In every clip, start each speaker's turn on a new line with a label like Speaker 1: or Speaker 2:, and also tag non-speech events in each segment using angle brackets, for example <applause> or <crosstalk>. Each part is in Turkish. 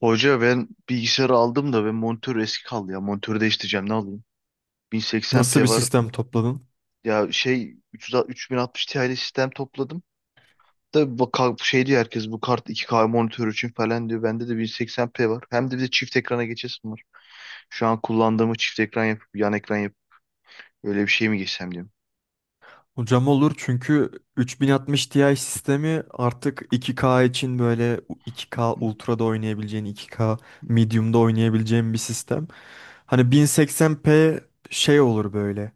Speaker 1: Hoca, ben bilgisayarı aldım da ben monitör eski kaldı ya. Monitörü değiştireceğim, ne alayım?
Speaker 2: Nasıl bir
Speaker 1: 1080p var.
Speaker 2: sistem topladın?
Speaker 1: Ya şey 300 3060 Ti'li sistem topladım. Da bak, şey diyor herkes, bu kart 2K monitör için falan diyor. Bende de 1080p var. Hem de bir de çift ekrana geçesim var. Şu an kullandığımı çift ekran yapıp, yan ekran yapıp öyle bir şey mi geçsem diyorum.
Speaker 2: Hocam olur çünkü 3060 Ti sistemi artık 2K için böyle 2K Ultra'da oynayabileceğin, 2K Medium'da oynayabileceğin bir sistem. Hani 1080p şey olur böyle.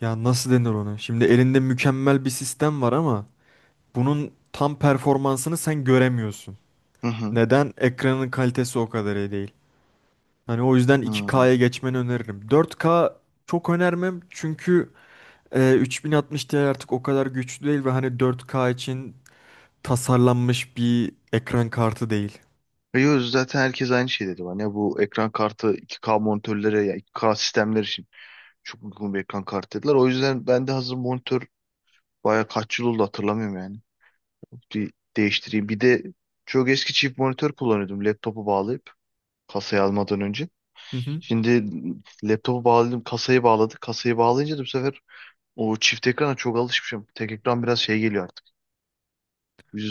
Speaker 2: Ya nasıl denir onu? Şimdi elinde mükemmel bir sistem var ama bunun tam performansını sen göremiyorsun.
Speaker 1: Hı hı.
Speaker 2: Neden? Ekranın kalitesi o kadar iyi değil. Hani o yüzden
Speaker 1: Hı.
Speaker 2: 2K'ya geçmeni öneririm. 4K çok önermem çünkü 3060 Ti artık o kadar güçlü değil ve hani 4K için tasarlanmış bir ekran kartı değil.
Speaker 1: Yo, zaten herkes aynı şey dedi bana. Ya bu ekran kartı 2K monitörlere, ya 2K sistemler için çok uygun bir ekran kartı dediler. O yüzden ben de hazır monitör baya kaç yıl oldu hatırlamıyorum yani. Bir değiştireyim. Bir de çok eski çift monitör kullanıyordum, laptopu bağlayıp kasayı almadan önce.
Speaker 2: Hı hı.
Speaker 1: Şimdi laptopu bağladım, kasayı bağladık. Kasayı bağlayınca da bu sefer o çift ekrana çok alışmışım. Tek ekran biraz şey geliyor artık.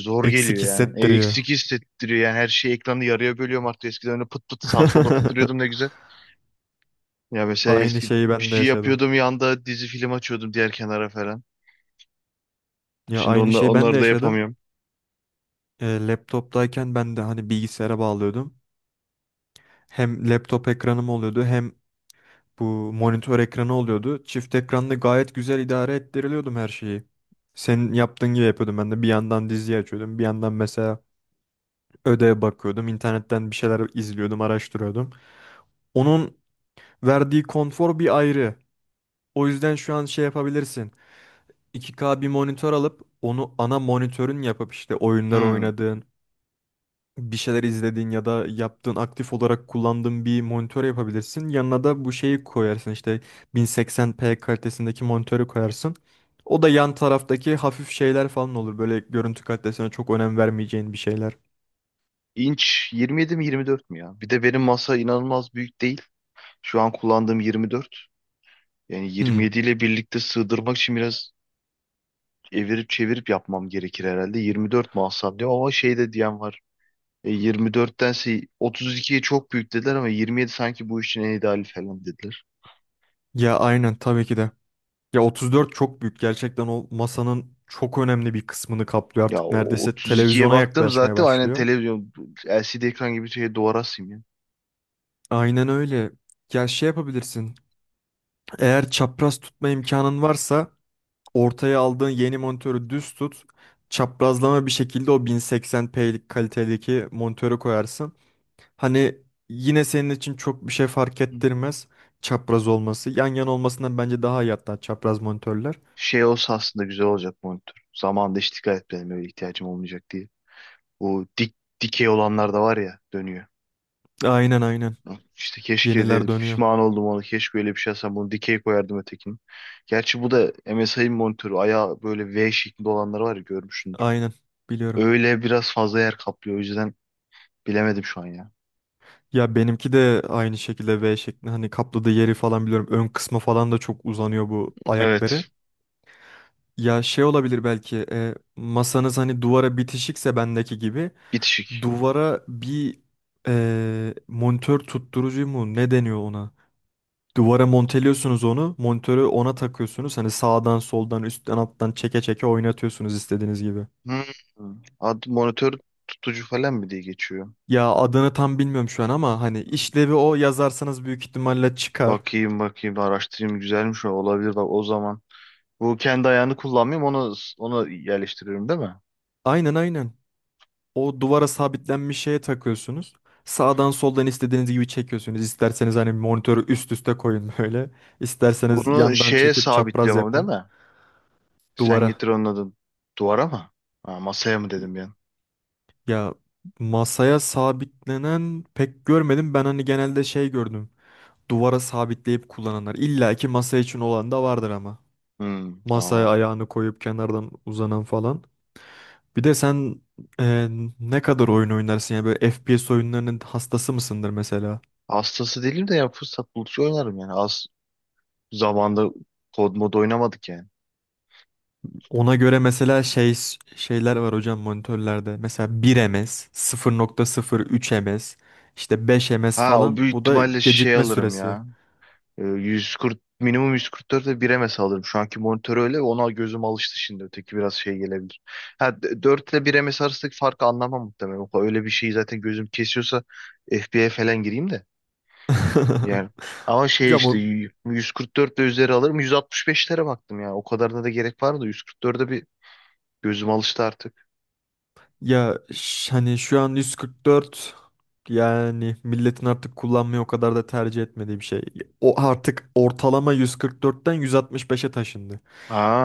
Speaker 1: Zor geliyor
Speaker 2: Eksik
Speaker 1: yani.
Speaker 2: hissettiriyor.
Speaker 1: Eksik hissettiriyor yani, her şeyi ekranı yarıya bölüyorum artık. Eskiden öyle pıt pıt sağa sola tıklıyordum, ne
Speaker 2: <laughs>
Speaker 1: güzel. Ya mesela
Speaker 2: Aynı
Speaker 1: eski
Speaker 2: şeyi
Speaker 1: bir
Speaker 2: ben de
Speaker 1: şey
Speaker 2: yaşadım.
Speaker 1: yapıyordum, yanda dizi film açıyordum diğer kenara falan.
Speaker 2: Ya
Speaker 1: Şimdi
Speaker 2: aynı
Speaker 1: onlar,
Speaker 2: şeyi ben de
Speaker 1: onları da
Speaker 2: yaşadım.
Speaker 1: yapamıyorum.
Speaker 2: Laptoptayken ben de hani bilgisayara bağlıyordum. Hem laptop ekranım oluyordu hem bu monitör ekranı oluyordu. Çift ekranda gayet güzel idare ettiriliyordum her şeyi. Senin yaptığın gibi yapıyordum ben de. Bir yandan dizi açıyordum. Bir yandan mesela ödeye bakıyordum, internetten bir şeyler izliyordum, araştırıyordum. Onun verdiği konfor bir ayrı. O yüzden şu an şey yapabilirsin. 2K bir monitör alıp onu ana monitörün yapıp işte oyunlar
Speaker 1: Hmm.
Speaker 2: oynadığın, bir şeyler izlediğin ya da yaptığın aktif olarak kullandığın bir monitör yapabilirsin. Yanına da bu şeyi koyarsın işte 1080p kalitesindeki monitörü koyarsın. O da yan taraftaki hafif şeyler falan olur. Böyle görüntü kalitesine çok önem vermeyeceğin bir şeyler.
Speaker 1: İnç 27 mi, 24 mü ya? Bir de benim masa inanılmaz büyük değil. Şu an kullandığım 24. Yani
Speaker 2: Hmm.
Speaker 1: 27 ile birlikte sığdırmak için biraz evirip çevirip yapmam gerekir herhalde. 24 mu alsam diyor ama şey de diyen var. 24'tense 32'ye çok büyük dediler ama 27 sanki bu işin en ideali falan dediler.
Speaker 2: Ya aynen tabii ki de. Ya 34 çok büyük. Gerçekten o masanın çok önemli bir kısmını kaplıyor.
Speaker 1: Ya
Speaker 2: Artık
Speaker 1: o
Speaker 2: neredeyse
Speaker 1: 32'ye
Speaker 2: televizyona
Speaker 1: baktım,
Speaker 2: yaklaşmaya
Speaker 1: zaten aynen
Speaker 2: başlıyor.
Speaker 1: televizyon LCD ekran gibi, şey, duvara asayım ya.
Speaker 2: Aynen öyle. Ya şey yapabilirsin. Eğer çapraz tutma imkanın varsa ortaya aldığın yeni monitörü düz tut. Çaprazlama bir şekilde o 1080p'lik kalitedeki monitörü koyarsın. Hani yine senin için çok bir şey fark
Speaker 1: Hı.
Speaker 2: ettirmez çapraz olması. Yan yana olmasından bence daha iyi hatta çapraz monitörler.
Speaker 1: Şey olsa aslında güzel olacak monitör. Zamanında hiç dikkat etmedim, öyle ihtiyacım olmayacak diye. Bu dik dikey olanlar da var ya, dönüyor.
Speaker 2: Aynen aynen.
Speaker 1: Hı. İşte keşke dedim,
Speaker 2: Yeniler dönüyor.
Speaker 1: pişman oldum onu. Keşke öyle bir şey alsam, bunu dikey koyardım ötekini. Gerçi bu da MSI'ın monitörü. Ayağı böyle V şeklinde olanları var ya, görmüşsündür.
Speaker 2: Aynen. Biliyorum.
Speaker 1: Öyle biraz fazla yer kaplıyor. O yüzden bilemedim şu an ya.
Speaker 2: Ya benimki de aynı şekilde V şeklinde hani kapladığı yeri falan biliyorum. Ön kısma falan da çok uzanıyor bu ayakları.
Speaker 1: Evet.
Speaker 2: Ya şey olabilir belki masanız hani duvara bitişikse bendeki gibi
Speaker 1: Bitişik.
Speaker 2: duvara bir monitör tutturucu mu ne deniyor ona? Duvara monteliyorsunuz onu monitörü ona takıyorsunuz hani sağdan soldan üstten alttan çeke çeke oynatıyorsunuz istediğiniz gibi.
Speaker 1: Hmm. Monitör tutucu falan mı diye geçiyor.
Speaker 2: Ya adını tam bilmiyorum şu an ama hani işlevi o yazarsanız büyük ihtimalle çıkar.
Speaker 1: Bakayım bakayım, araştırayım, güzelmiş, o olabilir bak o zaman. Bu kendi ayağını kullanmayayım, onu yerleştiriyorum değil mi?
Speaker 2: Aynen aynen. O duvara sabitlenmiş şeye takıyorsunuz. Sağdan soldan istediğiniz gibi çekiyorsunuz. İsterseniz hani monitörü üst üste koyun böyle. İsterseniz
Speaker 1: Bunu
Speaker 2: yandan
Speaker 1: şeye
Speaker 2: çekip çapraz
Speaker 1: sabitliyorum ama değil
Speaker 2: yapın.
Speaker 1: mi? Sen
Speaker 2: Duvara.
Speaker 1: getir onun adını. Duvara mı? Ha, masaya mı dedim ben?
Speaker 2: Ya masaya sabitlenen pek görmedim. Ben hani genelde şey gördüm. Duvara sabitleyip kullananlar. İlla ki masa için olan da vardır ama.
Speaker 1: Hmm,
Speaker 2: Masaya
Speaker 1: tamam.
Speaker 2: ayağını koyup kenardan uzanan falan. Bir de sen e, ne kadar oyun oynarsın ya böyle FPS oyunlarının hastası mısındır mesela?
Speaker 1: Hastası değilim de ya, fırsat buldukça oynarım yani. Az zamanda kod mod oynamadık yani.
Speaker 2: Ona göre mesela şey şeyler var hocam monitörlerde. Mesela 1 ms, 0,03 ms, işte 5 ms
Speaker 1: Ha, o
Speaker 2: falan.
Speaker 1: büyük
Speaker 2: Bu da
Speaker 1: ihtimalle şey
Speaker 2: gecikme
Speaker 1: alırım
Speaker 2: süresi.
Speaker 1: ya. 140 minimum 144'e 1'e mi saldırdım? Şu anki monitör öyle. Ona gözüm alıştı şimdi. Öteki biraz şey gelebilir. Ha, 4 ile 1'e mi sarsak farkı anlamam muhtemelen. Öyle bir şeyi zaten gözüm kesiyorsa FB'ye falan gireyim de. Yani,
Speaker 2: <laughs>
Speaker 1: ama şey
Speaker 2: Hocam,
Speaker 1: işte,
Speaker 2: o
Speaker 1: 144 ile üzeri alırım. 165'lere baktım ya. O kadarına da gerek var, da 144'e bir gözüm alıştı artık.
Speaker 2: ya, hani şu an 144 yani milletin artık kullanmayı o kadar da tercih etmediği bir şey. O artık ortalama 144'ten 165'e taşındı.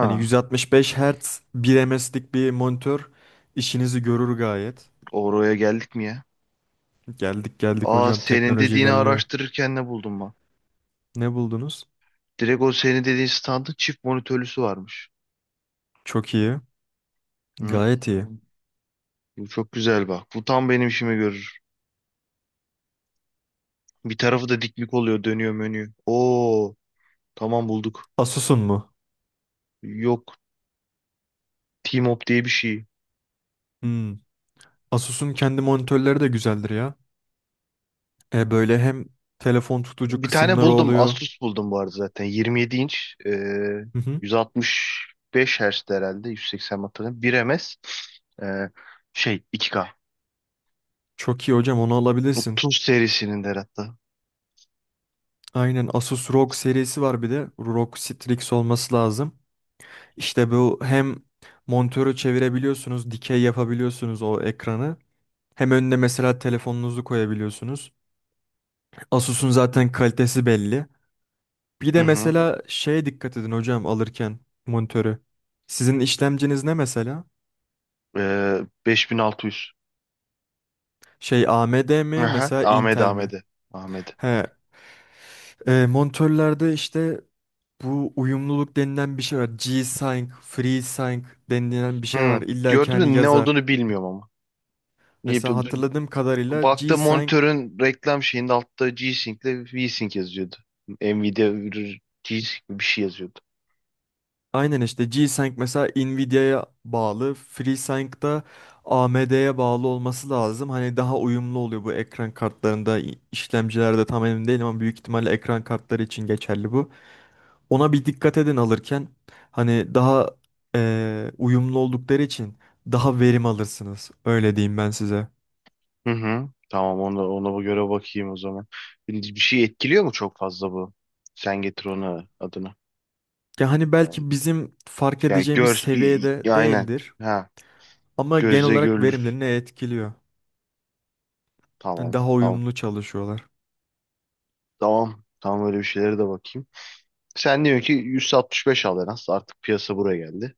Speaker 2: Hani 165 Hz 1 ms'lik bir monitör işinizi görür gayet.
Speaker 1: oraya geldik mi ya?
Speaker 2: Geldik geldik
Speaker 1: Aa,
Speaker 2: hocam,
Speaker 1: senin
Speaker 2: teknoloji
Speaker 1: dediğini
Speaker 2: ilerliyor.
Speaker 1: araştırırken ne buldum ben?
Speaker 2: Ne buldunuz?
Speaker 1: Direkt o senin dediğin standın çift monitörlüsü varmış.
Speaker 2: Çok iyi. Gayet iyi.
Speaker 1: Hmm. Bu çok güzel bak. Bu tam benim işimi görür. Bir tarafı da diklik oluyor, dönüyor menü. Oo, tamam, bulduk.
Speaker 2: Asus'un mu?
Speaker 1: Yok, Teamop diye bir şey.
Speaker 2: Hmm. Asus'un kendi monitörleri de güzeldir ya. Böyle hem telefon tutucu
Speaker 1: Bir tane
Speaker 2: kısımları
Speaker 1: buldum,
Speaker 2: oluyor.
Speaker 1: Asus buldum bu arada zaten. 27 inç,
Speaker 2: Hı hı.
Speaker 1: 165 Hz herhalde, 180 hatırlamıyorum. 1 ms, e, şey, 2K,
Speaker 2: Çok iyi hocam, onu alabilirsin.
Speaker 1: 30 serisinin de hatta.
Speaker 2: Aynen, Asus ROG serisi var bir de. ROG Strix olması lazım. İşte bu hem monitörü çevirebiliyorsunuz, dikey yapabiliyorsunuz o ekranı. Hem önüne mesela telefonunuzu koyabiliyorsunuz. Asus'un zaten kalitesi belli. Bir
Speaker 1: Hı
Speaker 2: de
Speaker 1: hı.
Speaker 2: mesela şeye dikkat edin hocam alırken monitörü. Sizin işlemciniz ne mesela?
Speaker 1: 5600.
Speaker 2: Şey AMD mi
Speaker 1: Aha,
Speaker 2: mesela
Speaker 1: Ahmet
Speaker 2: Intel mi?
Speaker 1: Ahmet'e. Ahmet'e.
Speaker 2: He, monitörlerde işte bu uyumluluk denilen bir şey var. G-Sync, FreeSync denilen bir şey var.
Speaker 1: Hmm,
Speaker 2: İlla ki
Speaker 1: gördüm de
Speaker 2: hani
Speaker 1: ne
Speaker 2: yazar.
Speaker 1: olduğunu bilmiyorum ama. Niye-
Speaker 2: Mesela hatırladığım kadarıyla
Speaker 1: Baktım
Speaker 2: G-Sync.
Speaker 1: monitörün reklam şeyinde altta G-Sync ile V-Sync yazıyordu. Nvidia G-Sync bir şey yazıyordu.
Speaker 2: Aynen işte G-Sync mesela Nvidia'ya bağlı, FreeSync da AMD'ye bağlı olması lazım. Hani daha uyumlu oluyor bu ekran kartlarında, işlemcilerde tam emin değilim ama büyük ihtimalle ekran kartları için geçerli bu. Ona bir dikkat edin alırken hani daha uyumlu oldukları için daha verim alırsınız. Öyle diyeyim ben size.
Speaker 1: Hı hı. Tamam, ona bu göre bakayım o zaman. Bir şey etkiliyor mu çok fazla bu? Sen getir onu adını.
Speaker 2: Ya hani
Speaker 1: Tamam.
Speaker 2: belki bizim fark
Speaker 1: Ya
Speaker 2: edeceğimiz
Speaker 1: gör
Speaker 2: seviyede
Speaker 1: Ya aynen.
Speaker 2: değildir
Speaker 1: Ha,
Speaker 2: ama genel
Speaker 1: gözle
Speaker 2: olarak
Speaker 1: görülür.
Speaker 2: verimlerini etkiliyor. Hani
Speaker 1: Tamam.
Speaker 2: daha
Speaker 1: Tamam.
Speaker 2: uyumlu çalışıyorlar.
Speaker 1: Tamam. Tamam, öyle bir şeylere de bakayım. Sen diyorsun ki 165 al en az. Artık piyasa buraya geldi.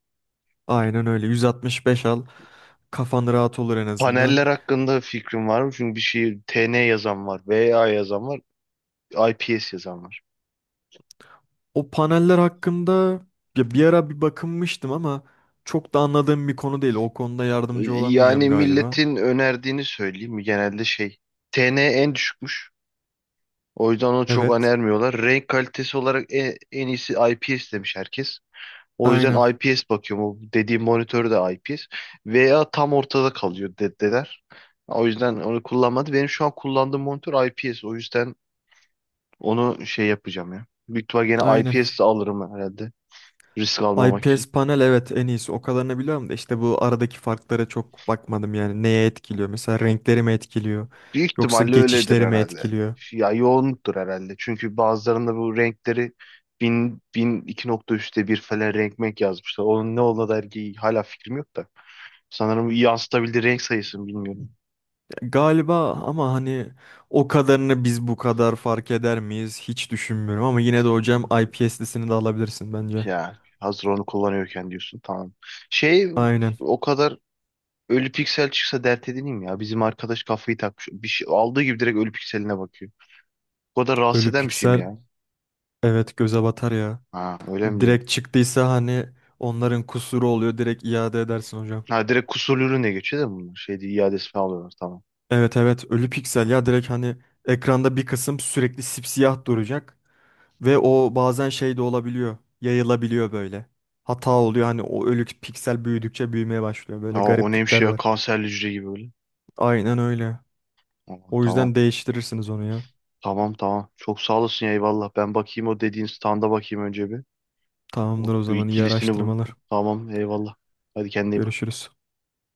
Speaker 2: Aynen öyle. 165 al. Kafan rahat olur en azından.
Speaker 1: Paneller hakkında fikrim var mı? Çünkü bir şey TN yazan var, VA yazan var, IPS yazan var.
Speaker 2: O paneller hakkında ya bir ara bir bakınmıştım ama çok da anladığım bir konu değil. O konuda yardımcı olamayacağım
Speaker 1: Yani
Speaker 2: galiba.
Speaker 1: milletin önerdiğini söyleyeyim mi? Genelde şey, TN en düşükmüş. O yüzden onu çok
Speaker 2: Evet.
Speaker 1: önermiyorlar. Renk kalitesi olarak en iyisi IPS demiş herkes. O
Speaker 2: Aynen.
Speaker 1: yüzden IPS bakıyorum. O dediğim monitör de IPS. VA tam ortada kalıyor dediler. O yüzden onu kullanmadı. Benim şu an kullandığım monitör IPS. O yüzden onu şey yapacağım ya. Büyük ihtimal gene
Speaker 2: Aynen.
Speaker 1: IPS de alırım herhalde, risk almamak
Speaker 2: IPS
Speaker 1: için.
Speaker 2: panel evet en iyisi. O kadarını biliyorum da işte bu aradaki farklara çok bakmadım yani. Neye etkiliyor? Mesela renkleri mi etkiliyor?
Speaker 1: Büyük
Speaker 2: Yoksa
Speaker 1: ihtimalle öyledir
Speaker 2: geçişleri mi
Speaker 1: herhalde. Yani.
Speaker 2: etkiliyor?
Speaker 1: Ya, yoğunluktur herhalde. Çünkü bazılarında bu renkleri bin bin iki nokta üçte bir falan renk menk yazmışlar. Onun ne olduğuna dair ki hala fikrim yok da. Sanırım, yansıtabildiği renk sayısını bilmiyorum.
Speaker 2: Galiba ama hani o kadarını biz bu kadar fark eder miyiz hiç düşünmüyorum ama yine de hocam
Speaker 1: Hı.
Speaker 2: IPS'lisini de alabilirsin bence.
Speaker 1: Ya hazır onu kullanıyorken diyorsun, tamam. Şey,
Speaker 2: Aynen.
Speaker 1: o kadar ölü piksel çıksa dert edineyim ya. Bizim arkadaş kafayı takmış. Bir şey aldığı gibi direkt ölü pikseline bakıyor. O kadar rahatsız
Speaker 2: Ölü
Speaker 1: eden bir şey mi
Speaker 2: piksel
Speaker 1: ya?
Speaker 2: evet göze batar ya.
Speaker 1: Ha, öyle mi diyorsun?
Speaker 2: Direkt çıktıysa hani onların kusuru oluyor, direkt iade edersin hocam.
Speaker 1: Ha, direkt kusurlu ürüne geçiyor değil mi bunlar? Şey değil, iadesi alıyorlar, tamam.
Speaker 2: Evet evet, ölü piksel ya direkt hani ekranda bir kısım sürekli sipsiyah duracak ve o bazen şey de olabiliyor, yayılabiliyor böyle. Hata oluyor hani, o ölü piksel büyüdükçe büyümeye başlıyor, böyle
Speaker 1: Aa, o neymiş
Speaker 2: gariplikler
Speaker 1: ya,
Speaker 2: var.
Speaker 1: kanserli hücre gibi böyle.
Speaker 2: Aynen öyle.
Speaker 1: Aa,
Speaker 2: O
Speaker 1: tamam,
Speaker 2: yüzden değiştirirsiniz onu ya.
Speaker 1: tamam, tamam. Çok sağ olasın ya, eyvallah. Ben bakayım, o dediğin standa bakayım önce bir. O,
Speaker 2: Tamamdır, o
Speaker 1: şu
Speaker 2: zaman iyi
Speaker 1: ikilisini,
Speaker 2: araştırmalar.
Speaker 1: bu. Tamam, eyvallah. Hadi, kendine iyi bak.
Speaker 2: Görüşürüz.